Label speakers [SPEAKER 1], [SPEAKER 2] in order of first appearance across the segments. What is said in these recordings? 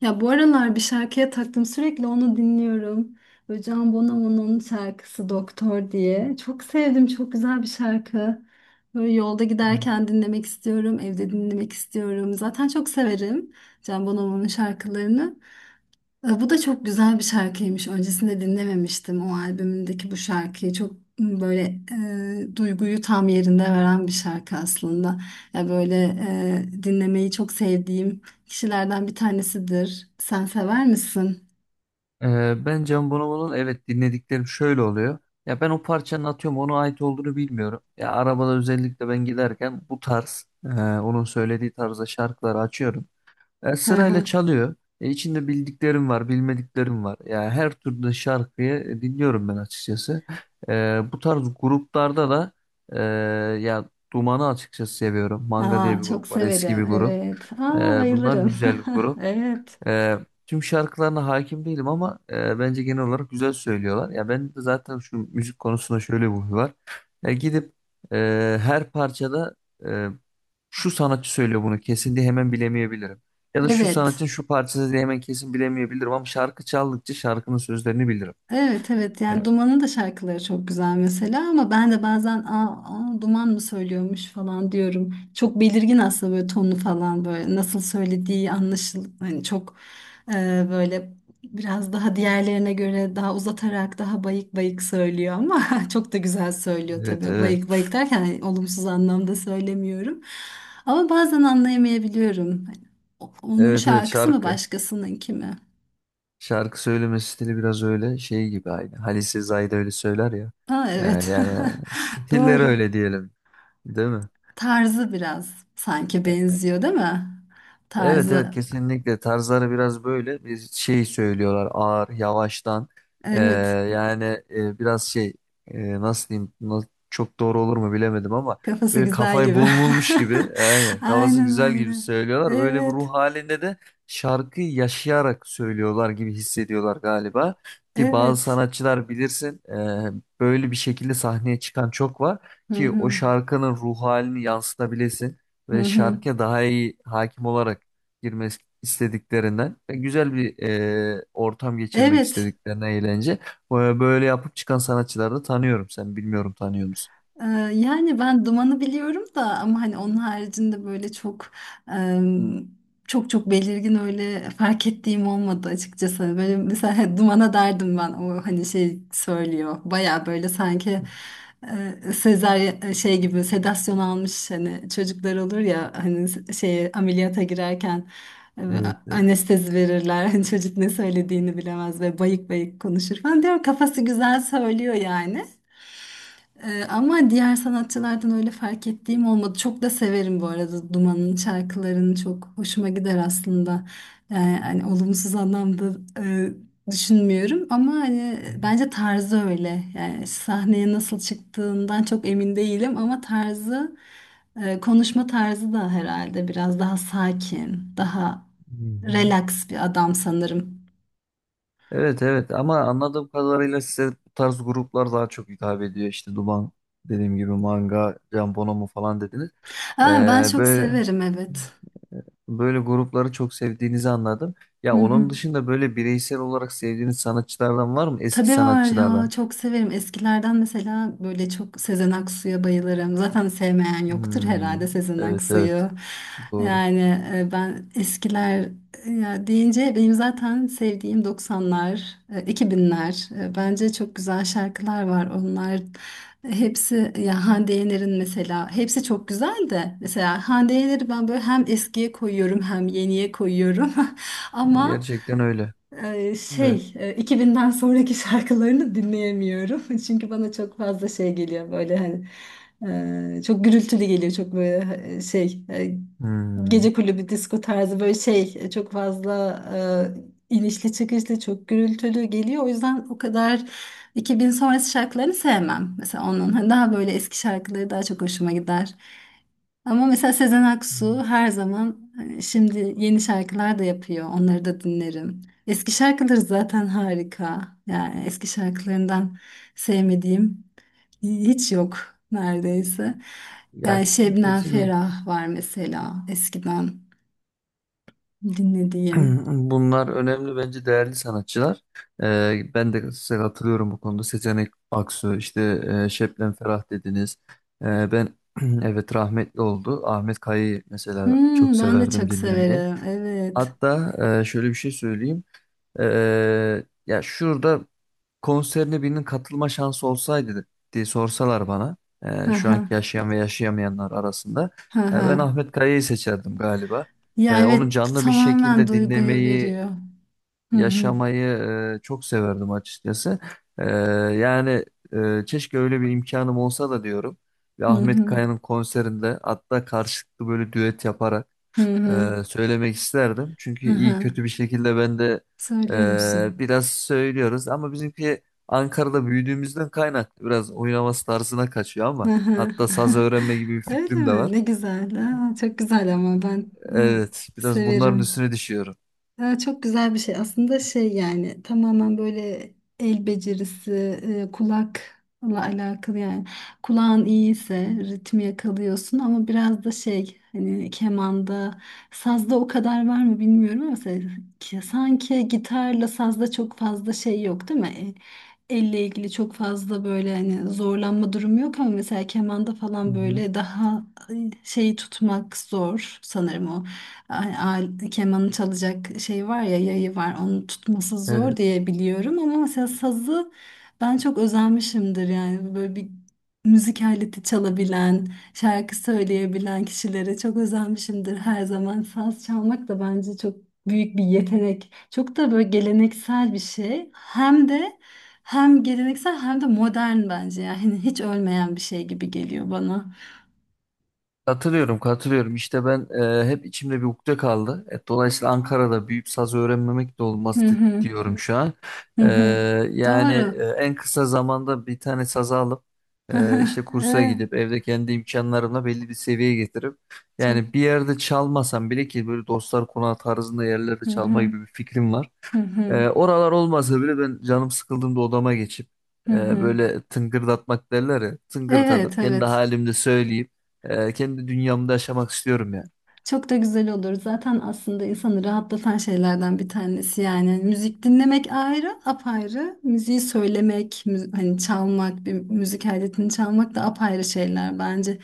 [SPEAKER 1] Ya bu aralar bir şarkıya taktım sürekli onu dinliyorum. Böyle Can Bonomo'nun şarkısı Doktor diye. Çok sevdim çok güzel bir şarkı. Böyle yolda giderken dinlemek istiyorum, evde dinlemek istiyorum. Zaten çok severim Can Bonomo'nun şarkılarını. Bu da çok güzel bir şarkıymış. Öncesinde dinlememiştim o albümündeki bu şarkıyı. Çok böyle duyguyu tam yerinde veren bir şarkı aslında. Ya böyle dinlemeyi çok sevdiğim kişilerden bir tanesidir. Sen sever misin?
[SPEAKER 2] Ben Can Bonomo'nun, evet, dinlediklerim şöyle oluyor. Ya ben o parçanın, atıyorum, ona ait olduğunu bilmiyorum. Ya arabada özellikle ben giderken bu tarz, onun söylediği tarzda şarkıları açıyorum.
[SPEAKER 1] Hı
[SPEAKER 2] Sırayla
[SPEAKER 1] hı.
[SPEAKER 2] çalıyor. İçinde bildiklerim var, bilmediklerim var. Ya her türlü şarkıyı dinliyorum ben açıkçası. Bu tarz gruplarda da e, ya Duman'ı açıkçası seviyorum. Manga diye
[SPEAKER 1] Aa,
[SPEAKER 2] bir
[SPEAKER 1] çok
[SPEAKER 2] grup var, eski bir
[SPEAKER 1] severim.
[SPEAKER 2] grup.
[SPEAKER 1] Evet. Aa,
[SPEAKER 2] Bunlar
[SPEAKER 1] bayılırım.
[SPEAKER 2] güzel bir grup.
[SPEAKER 1] Evet.
[SPEAKER 2] Ee, Tüm şarkılarına hakim değilim ama bence genel olarak güzel söylüyorlar. Ya ben de zaten şu müzik konusunda şöyle bir huy var. Ya gidip e, her parçada e, şu sanatçı söylüyor bunu kesin diye hemen bilemeyebilirim. Ya da şu
[SPEAKER 1] Evet.
[SPEAKER 2] sanatçının şu parçası diye hemen kesin bilemeyebilirim ama şarkı çaldıkça şarkının sözlerini bilirim.
[SPEAKER 1] Evet evet yani
[SPEAKER 2] Evet.
[SPEAKER 1] Duman'ın da şarkıları çok güzel mesela ama ben de bazen aa, aa, Duman mı söylüyormuş falan diyorum. Çok belirgin aslında böyle tonu falan böyle nasıl söylediği anlaşıl hani çok e, böyle biraz daha diğerlerine göre daha uzatarak daha bayık bayık söylüyor ama çok da güzel söylüyor
[SPEAKER 2] Evet,
[SPEAKER 1] tabii. Bayık
[SPEAKER 2] evet.
[SPEAKER 1] bayık derken hani olumsuz anlamda söylemiyorum. Ama bazen anlayamayabiliyorum. Hani onun
[SPEAKER 2] Evet, evet,
[SPEAKER 1] şarkısı mı
[SPEAKER 2] şarkı.
[SPEAKER 1] başkasınınki mi?
[SPEAKER 2] Şarkı söyleme stili biraz öyle şey gibi aynı. Halise Zayda öyle söyler ya.
[SPEAKER 1] Ha, evet.
[SPEAKER 2] Yani stilleri
[SPEAKER 1] Doğru.
[SPEAKER 2] öyle diyelim. Değil mi?
[SPEAKER 1] Tarzı biraz sanki benziyor değil mi?
[SPEAKER 2] Evet, evet,
[SPEAKER 1] Tarzı.
[SPEAKER 2] kesinlikle tarzları biraz böyle bir şey söylüyorlar, ağır yavaştan. Ee,
[SPEAKER 1] Evet.
[SPEAKER 2] yani biraz nasıl diyeyim, çok doğru olur mu bilemedim ama
[SPEAKER 1] Kafası
[SPEAKER 2] böyle
[SPEAKER 1] güzel
[SPEAKER 2] kafayı
[SPEAKER 1] gibi.
[SPEAKER 2] bulmuş gibi, aynen, kafası
[SPEAKER 1] Aynen
[SPEAKER 2] güzel gibi
[SPEAKER 1] öyle.
[SPEAKER 2] söylüyorlar, öyle bir
[SPEAKER 1] Evet.
[SPEAKER 2] ruh halinde de şarkıyı yaşayarak söylüyorlar gibi hissediyorlar galiba. Ki bazı
[SPEAKER 1] Evet.
[SPEAKER 2] sanatçılar bilirsin, böyle bir şekilde sahneye çıkan çok var
[SPEAKER 1] Hı
[SPEAKER 2] ki o
[SPEAKER 1] hı.
[SPEAKER 2] şarkının ruh halini yansıtabilesin
[SPEAKER 1] Hı
[SPEAKER 2] ve
[SPEAKER 1] hı.
[SPEAKER 2] şarkıya daha iyi hakim olarak girmek istediklerinden ve güzel bir ortam geçirmek
[SPEAKER 1] Evet.
[SPEAKER 2] istediklerinden, eğlence. Böyle böyle yapıp çıkan sanatçıları da tanıyorum. Sen bilmiyorum, tanıyor musun?
[SPEAKER 1] Ee, yani ben Duman'ı biliyorum da ama hani onun haricinde böyle çok em, çok çok belirgin öyle fark ettiğim olmadı açıkçası. Hani böyle mesela Duman'a derdim ben o hani şey söylüyor baya böyle sanki Sezaryen şey gibi sedasyon almış hani çocuklar olur ya hani şey ameliyata girerken e,
[SPEAKER 2] Evet.
[SPEAKER 1] anestezi verirler. Hani çocuk ne söylediğini bilemez ve bayık bayık konuşur falan diyor kafası güzel söylüyor yani. Ama diğer sanatçılardan öyle fark ettiğim olmadı. Çok da severim bu arada Duman'ın şarkılarını çok hoşuma gider aslında. Yani hani olumsuz anlamda e, düşünmüyorum ama hani bence tarzı öyle. Yani sahneye nasıl çıktığından çok emin değilim ama tarzı konuşma tarzı da herhalde biraz daha sakin, daha
[SPEAKER 2] Hı hı.
[SPEAKER 1] relax bir adam sanırım.
[SPEAKER 2] Evet, evet, ama anladığım kadarıyla size bu tarz gruplar daha çok hitap ediyor. İşte Duman dediğim gibi, Manga, Can Bonomo falan dediniz.
[SPEAKER 1] Aa, ben çok
[SPEAKER 2] Böyle
[SPEAKER 1] severim evet.
[SPEAKER 2] böyle grupları çok sevdiğinizi anladım.
[SPEAKER 1] Hı
[SPEAKER 2] Ya
[SPEAKER 1] hı.
[SPEAKER 2] onun dışında böyle bireysel olarak sevdiğiniz sanatçılardan var mı?
[SPEAKER 1] Tabii
[SPEAKER 2] Eski
[SPEAKER 1] var ya
[SPEAKER 2] sanatçılardan.
[SPEAKER 1] çok severim. Eskilerden mesela böyle çok Sezen Aksu'ya bayılırım. Zaten sevmeyen yoktur
[SPEAKER 2] Hmm,
[SPEAKER 1] herhalde Sezen
[SPEAKER 2] evet,
[SPEAKER 1] Aksu'yu.
[SPEAKER 2] evet, doğru.
[SPEAKER 1] Yani ben eskiler ya deyince benim zaten sevdiğim 90'lar, 2000'ler. Bence çok güzel şarkılar var. Onlar hepsi ya Hande Yener'in mesela hepsi çok güzel de mesela Hande Yener'i ben böyle hem eskiye koyuyorum hem yeniye koyuyorum. Ama
[SPEAKER 2] Gerçekten öyle. Evet.
[SPEAKER 1] 2000'den sonraki şarkılarını dinleyemiyorum. Çünkü bana çok fazla şey geliyor böyle hani çok gürültülü geliyor çok böyle gece
[SPEAKER 2] Hmm.
[SPEAKER 1] kulübü disco tarzı böyle çok fazla inişli çıkışlı çok gürültülü geliyor. O yüzden o kadar 2000 sonrası şarkılarını sevmem. Mesela onun hani daha böyle eski şarkıları daha çok hoşuma gider. Ama mesela Sezen Aksu her zaman hani şimdi yeni şarkılar da yapıyor. Onları da dinlerim. Eski şarkıları zaten harika. Yani eski şarkılarından sevmediğim hiç yok neredeyse.
[SPEAKER 2] Ya,
[SPEAKER 1] Yani Şebnem
[SPEAKER 2] kesinlikle
[SPEAKER 1] Ferah var mesela eskiden dinlediğim.
[SPEAKER 2] bunlar önemli, bence değerli sanatçılar. Ben de size katılıyorum bu konuda. Seçenek Aksu, işte Şebnem Ferah dediniz. Ben evet, rahmetli oldu. Ahmet Kaya'yı mesela çok
[SPEAKER 1] Hmm, ben de
[SPEAKER 2] severdim
[SPEAKER 1] çok
[SPEAKER 2] dinlemeyi.
[SPEAKER 1] severim. Evet.
[SPEAKER 2] Hatta şöyle bir şey söyleyeyim. Ya şurada konserine birinin katılma şansı olsaydı diye sorsalar bana,
[SPEAKER 1] Hı
[SPEAKER 2] şu
[SPEAKER 1] hı.
[SPEAKER 2] anki yaşayan ve yaşayamayanlar arasında,
[SPEAKER 1] Hı hı.
[SPEAKER 2] ben Ahmet Kaya'yı seçerdim galiba.
[SPEAKER 1] Ya
[SPEAKER 2] Onu
[SPEAKER 1] evet
[SPEAKER 2] canlı bir
[SPEAKER 1] tamamen
[SPEAKER 2] şekilde
[SPEAKER 1] duyguyu
[SPEAKER 2] dinlemeyi,
[SPEAKER 1] veriyor. Hı hı.
[SPEAKER 2] yaşamayı çok severdim açıkçası. E, yani keşke öyle bir imkanım olsa da diyorum. Ve
[SPEAKER 1] Hı
[SPEAKER 2] Ahmet
[SPEAKER 1] hı.
[SPEAKER 2] Kaya'nın konserinde hatta karşılıklı böyle düet yaparak
[SPEAKER 1] Hı hı.
[SPEAKER 2] söylemek isterdim. Çünkü
[SPEAKER 1] Hı
[SPEAKER 2] iyi
[SPEAKER 1] hı.
[SPEAKER 2] kötü bir şekilde ben de
[SPEAKER 1] Söylüyor musun?
[SPEAKER 2] biraz söylüyoruz ama bizimki Ankara'da büyüdüğümüzden kaynaklı biraz oynaması tarzına kaçıyor ama
[SPEAKER 1] Aha.
[SPEAKER 2] hatta saz öğrenme gibi bir
[SPEAKER 1] Öyle
[SPEAKER 2] fikrim de
[SPEAKER 1] mi?
[SPEAKER 2] var.
[SPEAKER 1] Ne güzel. Aa, çok güzel ama ben e,
[SPEAKER 2] Evet, biraz bunların
[SPEAKER 1] severim.
[SPEAKER 2] üstüne düşüyorum.
[SPEAKER 1] Ha, çok güzel bir şey. Aslında şey yani tamamen böyle el becerisi, kulakla alakalı yani. Kulağın iyiyse ritmi yakalıyorsun ama biraz da şey hani kemanda, sazda o kadar var mı bilmiyorum ama mesela sanki gitarla sazda çok fazla şey yok değil mi? Elle ilgili çok fazla böyle hani zorlanma durumu yok ama mesela kemanda
[SPEAKER 2] Hı
[SPEAKER 1] falan
[SPEAKER 2] hı.
[SPEAKER 1] böyle daha şeyi tutmak zor sanırım kemanı çalacak şey var ya yayı var onu tutması zor
[SPEAKER 2] Evet.
[SPEAKER 1] diye biliyorum ama mesela sazı ben çok özenmişimdir yani böyle bir müzik aleti çalabilen şarkı söyleyebilen kişilere çok özenmişimdir her zaman saz çalmak da bence çok büyük bir yetenek çok da böyle geleneksel bir şey hem de hem geleneksel hem de modern bence yani hiç ölmeyen bir şey gibi geliyor bana.
[SPEAKER 2] Katılıyorum, katılıyorum. İşte ben, hep içimde bir ukde kaldı. Dolayısıyla Ankara'da büyüyüp saz öğrenmemek de
[SPEAKER 1] Hı
[SPEAKER 2] olmaz
[SPEAKER 1] hı
[SPEAKER 2] diyorum şu an.
[SPEAKER 1] hı
[SPEAKER 2] E,
[SPEAKER 1] hı. Doğru.
[SPEAKER 2] en kısa zamanda bir tane saz alıp, işte kursa
[SPEAKER 1] Ee,
[SPEAKER 2] gidip evde kendi imkanlarımla belli bir seviyeye getirip,
[SPEAKER 1] çok.
[SPEAKER 2] yani bir yerde çalmasam bile, ki böyle dostlar konağı tarzında yerlerde
[SPEAKER 1] Hı
[SPEAKER 2] çalma
[SPEAKER 1] hı,
[SPEAKER 2] gibi bir fikrim var.
[SPEAKER 1] hı hı,
[SPEAKER 2] Oralar olmasa bile ben canım sıkıldığımda odama geçip
[SPEAKER 1] hı
[SPEAKER 2] e,
[SPEAKER 1] hı.
[SPEAKER 2] böyle tıngırdatmak derler ya,
[SPEAKER 1] Evet,
[SPEAKER 2] tıngırdatıp kendi
[SPEAKER 1] evet.
[SPEAKER 2] halimde söyleyip kendi dünyamda yaşamak istiyorum yani.
[SPEAKER 1] Çok da güzel olur. Zaten aslında insanı rahatlatan şeylerden bir tanesi yani. Müzik dinlemek ayrı, apayrı. Müziği söylemek, hani çalmak, bir müzik aletini çalmak da apayrı şeyler bence.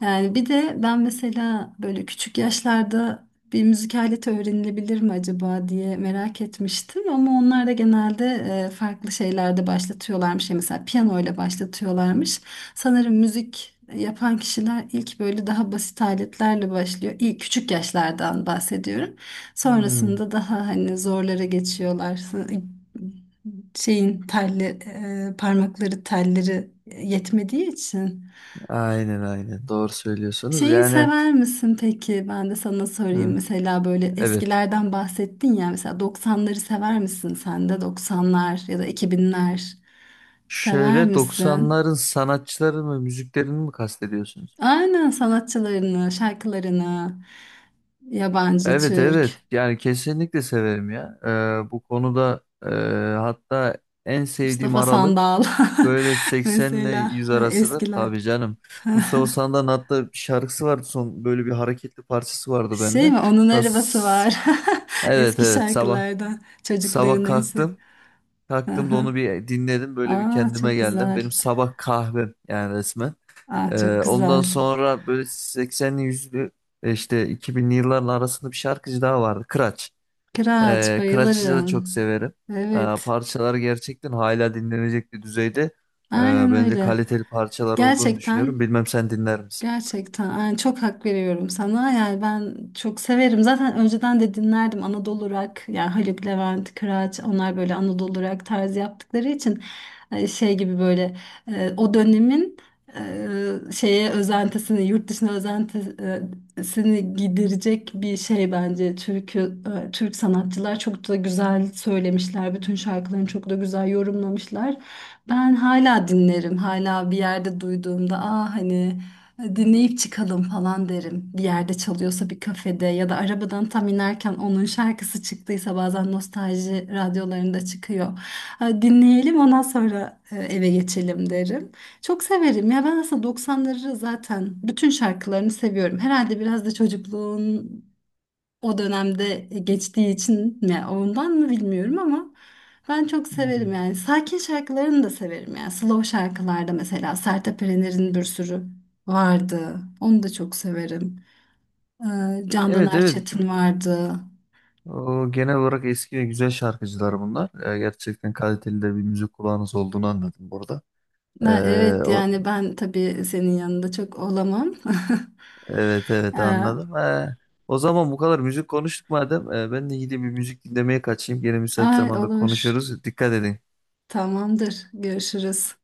[SPEAKER 1] Yani bir de ben mesela böyle küçük yaşlarda bir müzik aleti öğrenilebilir mi acaba diye merak etmiştim. Ama onlar da genelde farklı şeylerde başlatıyorlarmış. Yani mesela piyano ile başlatıyorlarmış. Sanırım müzik yapan kişiler ilk böyle daha basit aletlerle başlıyor. İlk küçük yaşlardan bahsediyorum.
[SPEAKER 2] Hmm,
[SPEAKER 1] Sonrasında daha hani zorlara geçiyorlar. Şeyin telli, parmakları telleri yetmediği için.
[SPEAKER 2] aynen aynen, doğru söylüyorsunuz
[SPEAKER 1] Şeyi
[SPEAKER 2] yani.
[SPEAKER 1] sever misin peki? Ben de sana sorayım.
[SPEAKER 2] hı,
[SPEAKER 1] Mesela böyle
[SPEAKER 2] evet.
[SPEAKER 1] eskilerden bahsettin ya. Mesela 90'ları sever misin sen de? 90'lar ya da 2000'ler sever
[SPEAKER 2] Şöyle
[SPEAKER 1] misin?
[SPEAKER 2] 90'ların sanatçılarını mı, müziklerini mi kastediyorsunuz?
[SPEAKER 1] Aynen sanatçılarını, şarkılarını, yabancı,
[SPEAKER 2] Evet,
[SPEAKER 1] Türk,
[SPEAKER 2] evet, yani kesinlikle severim ya. Bu konuda, hatta en sevdiğim
[SPEAKER 1] Mustafa
[SPEAKER 2] aralık
[SPEAKER 1] Sandal
[SPEAKER 2] böyle 80 ile
[SPEAKER 1] mesela
[SPEAKER 2] 100 arasıdır.
[SPEAKER 1] eskiler.
[SPEAKER 2] Tabii canım. Mustafa Sandal'ın hatta bir şarkısı vardı, son böyle bir hareketli parçası vardı
[SPEAKER 1] Şey
[SPEAKER 2] bende.
[SPEAKER 1] mi? Onun
[SPEAKER 2] Das,
[SPEAKER 1] arabası var.
[SPEAKER 2] evet,
[SPEAKER 1] Eski
[SPEAKER 2] evet, sabah
[SPEAKER 1] şarkılardan.
[SPEAKER 2] sabah
[SPEAKER 1] Çocukların neyse.
[SPEAKER 2] kalktım. Kalktım da
[SPEAKER 1] Aha.
[SPEAKER 2] onu bir dinledim, böyle bir
[SPEAKER 1] Aa,
[SPEAKER 2] kendime
[SPEAKER 1] çok
[SPEAKER 2] geldim.
[SPEAKER 1] güzel.
[SPEAKER 2] Benim sabah kahvem yani resmen.
[SPEAKER 1] Aa, çok
[SPEAKER 2] Ondan
[SPEAKER 1] güzel.
[SPEAKER 2] sonra böyle 80'li 100'lü, işte 2000'li yılların arasında bir şarkıcı daha vardı. Kıraç.
[SPEAKER 1] Kıraç
[SPEAKER 2] Kıraç'ı da
[SPEAKER 1] bayılırım.
[SPEAKER 2] çok severim.
[SPEAKER 1] Evet.
[SPEAKER 2] Parçalar gerçekten hala dinlenecek bir düzeyde. Ee,
[SPEAKER 1] Aynen
[SPEAKER 2] Bence
[SPEAKER 1] öyle.
[SPEAKER 2] kaliteli parçalar olduğunu düşünüyorum.
[SPEAKER 1] Gerçekten
[SPEAKER 2] Bilmem sen dinler misin?
[SPEAKER 1] Gerçekten yani çok hak veriyorum sana. Yani ben çok severim. Zaten önceden de dinlerdim Anadolu rock. Yani Haluk Levent, Kıraç onlar böyle Anadolu rock tarzı yaptıkları için şey gibi böyle o dönemin şeye özentisini, yurt dışına özentisini giderecek bir şey bence. Türk'ü, Türk sanatçılar çok da güzel söylemişler. Bütün şarkılarını çok da güzel yorumlamışlar. Ben hala dinlerim. Hala bir yerde duyduğumda aa hani dinleyip çıkalım falan derim. Bir yerde çalıyorsa bir kafede ya da arabadan tam inerken onun şarkısı çıktıysa bazen nostalji radyolarında çıkıyor. Ha, dinleyelim ondan sonra eve geçelim derim. Çok severim ya ben aslında 90'ları zaten bütün şarkılarını seviyorum. Herhalde biraz da çocukluğun o dönemde geçtiği için mi ondan mı bilmiyorum ama ben çok
[SPEAKER 2] Hmm.
[SPEAKER 1] severim yani sakin şarkılarını da severim yani slow şarkılarda mesela Sertab Erener'in bir sürü vardı onu da çok severim Candan
[SPEAKER 2] Evet, evet.
[SPEAKER 1] Erçetin vardı.
[SPEAKER 2] O, genel olarak eski ve güzel şarkıcılar bunlar. Gerçekten kaliteli de bir müzik kulağınız olduğunu anladım burada. Ee,
[SPEAKER 1] Ha, evet yani ben tabii senin yanında çok olamam.
[SPEAKER 2] Evet,
[SPEAKER 1] ee,
[SPEAKER 2] evet, anladım. O zaman bu kadar müzik konuştuk madem. Ben de gidip bir müzik dinlemeye kaçayım. Gene müsait
[SPEAKER 1] ay
[SPEAKER 2] zamanda
[SPEAKER 1] olur,
[SPEAKER 2] konuşuruz. Dikkat edin.
[SPEAKER 1] tamamdır görüşürüz.